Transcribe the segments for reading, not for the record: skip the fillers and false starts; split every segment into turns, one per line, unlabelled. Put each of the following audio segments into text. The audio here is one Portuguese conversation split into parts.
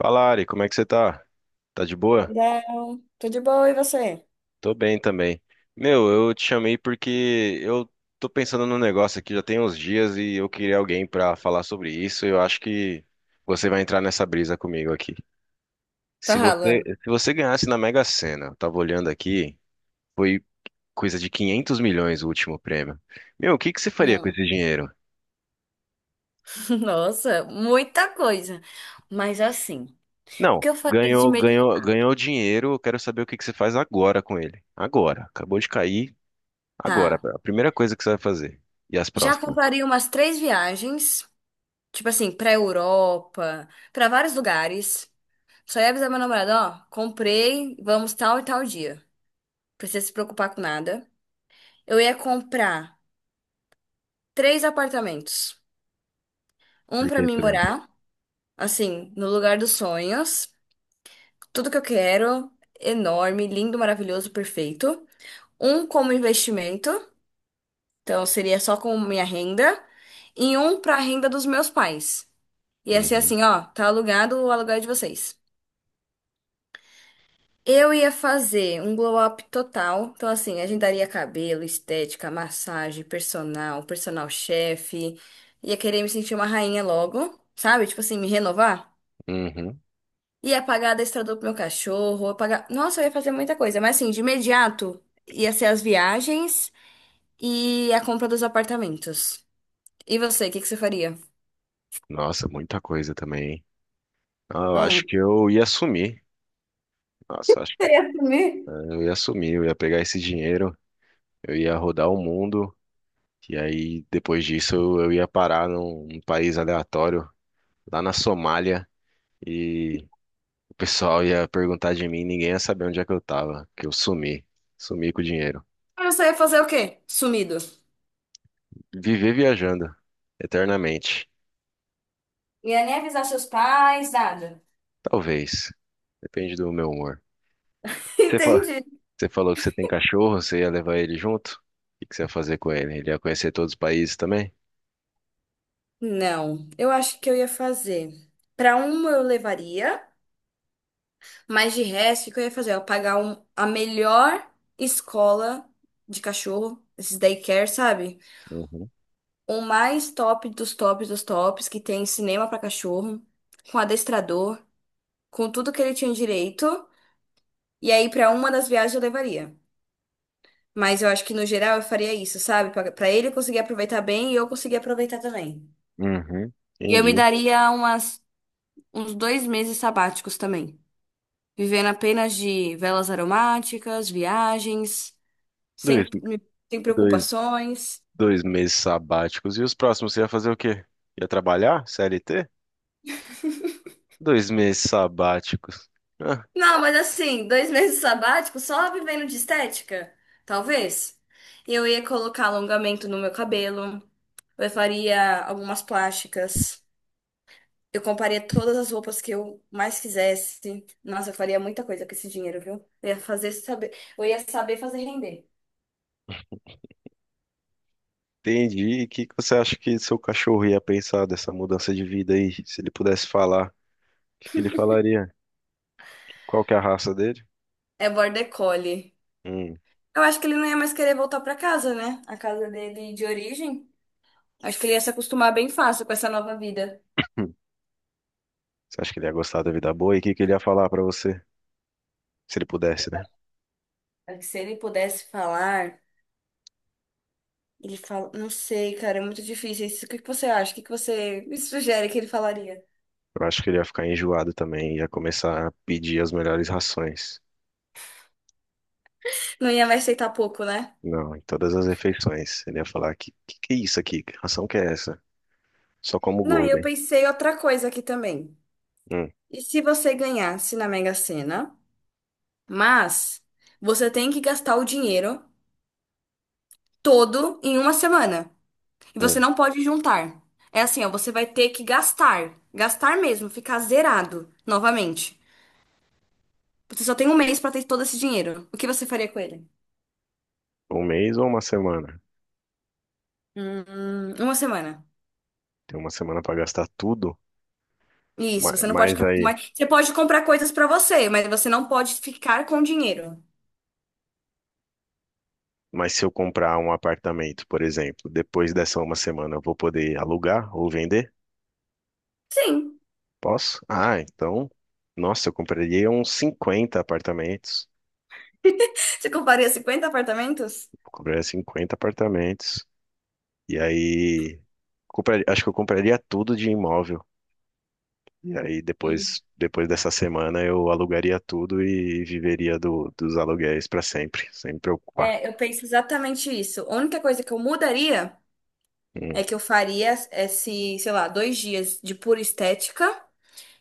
Fala, Ari, como é que você tá? Tá de boa?
Oi, Del. Tudo bom e você?
Tô bem também. Meu, eu te chamei porque eu tô pensando num negócio aqui já tem uns dias e eu queria alguém pra falar sobre isso. E eu acho que você vai entrar nessa brisa comigo aqui. Se você,
Fala.
se você ganhasse na Mega Sena, eu tava olhando aqui, foi coisa de 500 milhões o último prêmio. Meu, o que que você faria com
Hum.
esse dinheiro?
Nossa, muita coisa. Mas assim, o
Não,
que eu faria de
ganhou, ganhou,
imediato?
ganhou dinheiro, eu quero saber o que que você faz agora com ele. Agora, acabou de cair. Agora,
Tá.
a primeira coisa que você vai fazer. E as
Já
próximas?
compraria umas três viagens, tipo assim, pra Europa, pra vários lugares. Só ia avisar meu namorado, ó, comprei, vamos tal e tal dia. Precisa se preocupar com nada. Eu ia comprar três apartamentos. Um
Por
pra
que
mim
três?
morar, assim, no lugar dos sonhos. Tudo que eu quero, enorme, lindo, maravilhoso, perfeito. Um como investimento, então seria só com minha renda, e um para a renda dos meus pais. Ia ser
Uhum.
assim, ó, tá alugado o aluguel de vocês. Eu ia fazer um glow up total. Então, assim, agendaria cabelo, estética, massagem, personal, personal chefe. Ia querer me sentir uma rainha logo, sabe? Tipo assim, me renovar.
Uhum.
Ia pagar adestrador pro meu cachorro, ia pagar... Nossa, eu ia fazer muita coisa. Mas assim, de imediato, ia ser as viagens e a compra dos apartamentos. E você, o que que você faria?
Nossa, muita coisa também, hein? Ah, eu acho
Hum.
que eu ia sumir. Nossa, acho que
Você ia sumir?
eu ia sumir, eu ia pegar esse dinheiro, eu ia rodar o mundo, e aí depois disso eu ia parar num país aleatório, lá na Somália, e o pessoal ia perguntar de mim, ninguém ia saber onde é que eu tava, que eu sumi, sumi com o dinheiro.
Ah, você ia fazer o quê? Sumido.
Viver viajando eternamente.
Ia nem avisar seus pais, nada.
Talvez. Depende do meu humor. Você fa-
Entendi.
você falou que você tem cachorro, você ia levar ele junto? O que que você ia fazer com ele? Ele ia conhecer todos os países também?
Não, eu acho que eu ia fazer. Pra uma eu levaria, mas de resto, o que eu ia fazer? Eu ia pagar a melhor escola de cachorro, esses daycare, sabe?
Uhum.
O mais top dos tops, que tem cinema pra cachorro, com adestrador, com tudo que ele tinha direito. E aí, pra uma das viagens eu levaria. Mas eu acho que no geral eu faria isso, sabe? Pra ele conseguir aproveitar bem e eu conseguir aproveitar também.
Uhum.
E eu me
Entendi.
daria uns 2 meses sabáticos também. Vivendo apenas de velas aromáticas, viagens,
Dois,
sem, sem
dois,
preocupações.
dois meses sabáticos. E os próximos você ia fazer o quê? Ia trabalhar? CLT? 2 meses sabáticos. Ah,
Não, mas assim, dois meses sabático só vivendo de estética, talvez. Eu ia colocar alongamento no meu cabelo, eu faria algumas plásticas, eu compraria todas as roupas que eu mais quisesse. Nossa, eu faria muita coisa com esse dinheiro, viu? Eu ia fazer saber, eu ia saber fazer render.
entendi. E o que que você acha que seu cachorro ia pensar dessa mudança de vida aí? Se ele pudesse falar, o que que ele falaria? Qual que é a raça dele?
É border collie.
Hum.
Eu acho que ele não ia mais querer voltar pra casa, né? A casa dele de origem. Acho que ele ia se acostumar bem fácil com essa nova vida.
Hum. Você acha que ele ia gostar da vida boa? E o que que ele ia falar pra você? Se ele pudesse, né?
Acho que se ele pudesse falar. Ele fala, não sei, cara, é muito difícil isso. O que que você acha? O que que você me sugere que ele falaria?
Eu acho que ele ia ficar enjoado também, ia começar a pedir as melhores rações.
Não ia me aceitar pouco, né?
Não, em todas as refeições. Ele ia falar, que é isso aqui? Que ração que é essa? Só como
Não, e eu
Golden.
pensei outra coisa aqui também.
Hum,
E se você ganhasse na Mega Sena, mas você tem que gastar o dinheiro todo em uma semana. E você
hum.
não pode juntar. É assim, ó, você vai ter que gastar. Gastar mesmo, ficar zerado novamente. Você só tem um mês pra ter todo esse dinheiro. O que você faria com ele?
Um mês ou uma semana?
Uma semana.
Tem uma semana pra gastar tudo? Ma-
Isso, você não pode
Mas
ficar com
aí,
mais. Você pode comprar coisas pra você, mas você não pode ficar com dinheiro.
mas se eu comprar um apartamento, por exemplo, depois dessa uma semana, eu vou poder alugar ou vender?
Sim.
Posso? Ah, então, nossa, eu compraria uns 50 apartamentos.
Você compraria 50 apartamentos?
Eu compraria 50 apartamentos. E aí, acho que eu compraria tudo de imóvel. E aí, depois dessa semana, eu alugaria tudo e viveria dos aluguéis para sempre, sem me preocupar.
É, eu penso exatamente isso. A única coisa que eu mudaria
Hum,
é que eu faria esse, sei lá, 2 dias de pura estética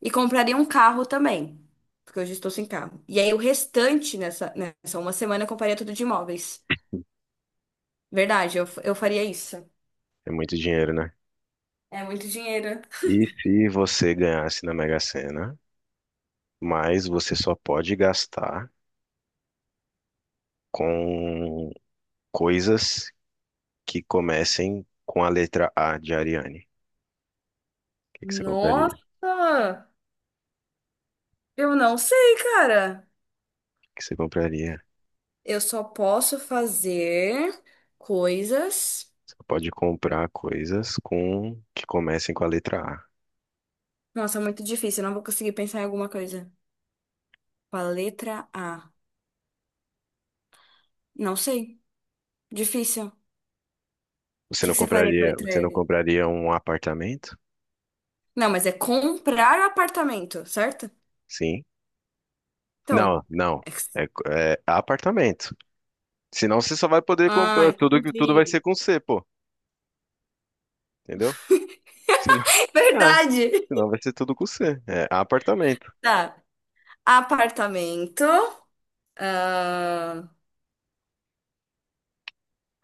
e compraria um carro também. Porque hoje eu estou sem carro. E aí o restante nessa uma semana eu compraria tudo de imóveis. Verdade, eu faria isso.
É muito dinheiro, né?
É muito dinheiro.
E se você ganhasse na Mega Sena, mas você só pode gastar com coisas que comecem com a letra A de Ariane. O que que você compraria? O
Nossa! Eu não sei, cara.
que que você compraria?
Eu só posso fazer coisas.
Você pode comprar coisas com que comecem com a letra A.
Nossa, é muito difícil. Eu não vou conseguir pensar em alguma coisa. Com a letra A. Não sei. Difícil. O
Você
que
não
que você faria com a
compraria,
letra
você não
L?
compraria um apartamento?
Não, mas é comprar um apartamento, certo?
Sim.
Então.
Não, não.
é que-
É, é apartamento. Senão você só vai poder
Ah,
comprar tudo, tudo vai
entendi.
ser com C, pô. Entendeu? Senão, é,
Verdade!
senão vai ser tudo com C. É apartamento.
Tá. Apartamento. Ah,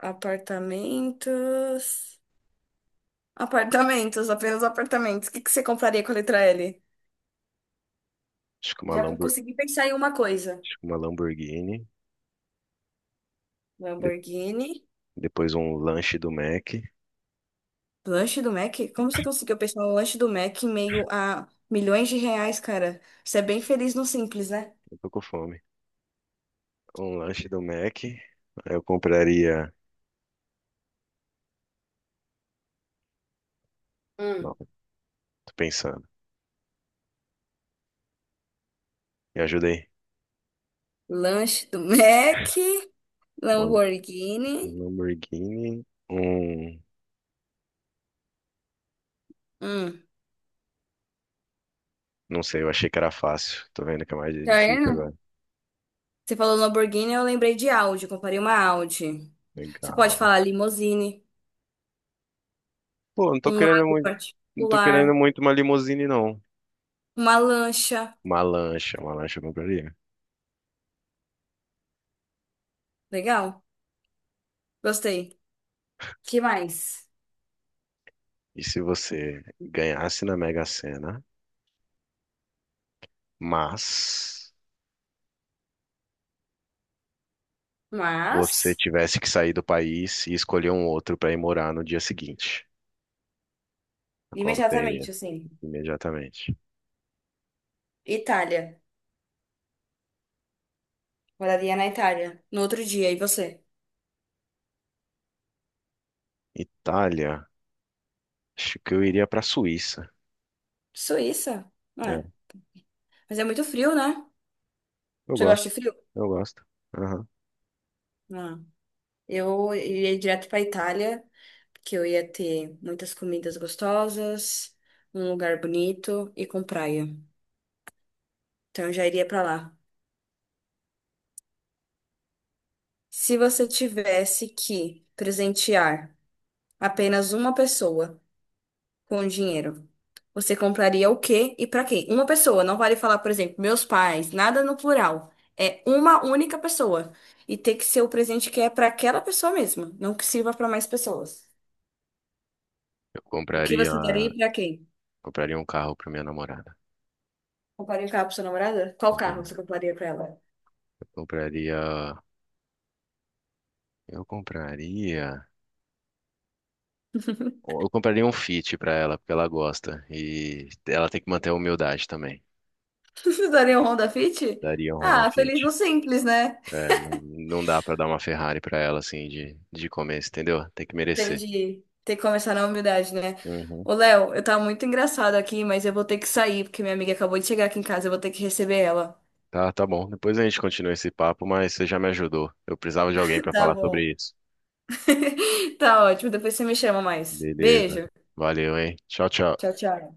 apartamentos. Apartamentos, apenas apartamentos. O que que você compraria com a letra L?
Acho que uma
Já
Lambor,
consegui pensar em uma coisa.
acho que uma Lamborghini. De-
Lamborghini.
depois um lanche do Mac.
Lanche do Mac? Como você conseguiu pensar no lanche do Mac em meio a milhões de reais, cara? Você é bem feliz no simples, né?
Eu tô com fome. Um lanche do Mac. Eu compraria. Não,
Hum.
tô pensando. Me ajudei.
Lanche do Mac,
Uma
Lamborghini.
um Lamborghini. Um.
Hum.
Não sei, eu achei que era fácil. Tô vendo que é mais
Tá
difícil
vendo?
agora.
Você falou Lamborghini, eu lembrei de Audi, comprei uma Audi. Você pode
Legal.
falar limousine,
Pô, não tô
um
querendo
lago
muito. Não tô querendo
particular,
muito uma limousine, não.
uma lancha.
Uma lancha eu compraria.
Legal? Gostei. Que mais?
E se você ganhasse na Mega Sena, mas você
Mas,
tivesse que sair do país e escolher um outro pra ir morar no dia seguinte? A qual você iria?
imediatamente, assim,
Imediatamente.
Itália. Moraria na Itália. No outro dia, e você?
Itália. Acho que eu iria para Suíça.
Suíça?
É,
É. Mas é muito frio, né?
eu
Você gosta
gosto,
de frio?
eu gosto. Aham.
Não. Eu iria direto pra Itália, porque eu ia ter muitas comidas gostosas, um lugar bonito e com praia. Então eu já iria pra lá. Se você tivesse que presentear apenas uma pessoa com dinheiro, você compraria o quê e pra quê? Uma pessoa, não vale falar, por exemplo, meus pais, nada no plural. É uma única pessoa. E tem que ser o presente que é pra aquela pessoa mesma, não que sirva pra mais pessoas.
Eu
O que
compraria,
você daria e pra quem?
compraria um carro para minha namorada.
Compraria um carro pra sua namorada? Qual carro
Compraria-
você compraria pra ela?
Eu compraria, eu compraria, eu compraria um Fit para ela, porque ela gosta e ela tem que manter a humildade também.
Você daria um Honda Fit?
Daria um Honda
Ah,
Fit.
feliz no simples, né?
É, não, não dá para dar uma Ferrari para ela assim de começo, entendeu? Tem que merecer.
Entendi. Tem que começar na humildade, né?
Uhum.
Ô, Léo, eu tava muito engraçado aqui, mas eu vou ter que sair, porque minha amiga acabou de chegar aqui em casa, eu vou ter que receber ela.
Tá, tá bom. Depois a gente continua esse papo, mas você já me ajudou. Eu precisava de alguém pra
Tá
falar
bom.
sobre isso.
Tá ótimo, depois você me chama mais.
Beleza.
Beijo.
Valeu, hein? Tchau, tchau.
Tchau, tchau.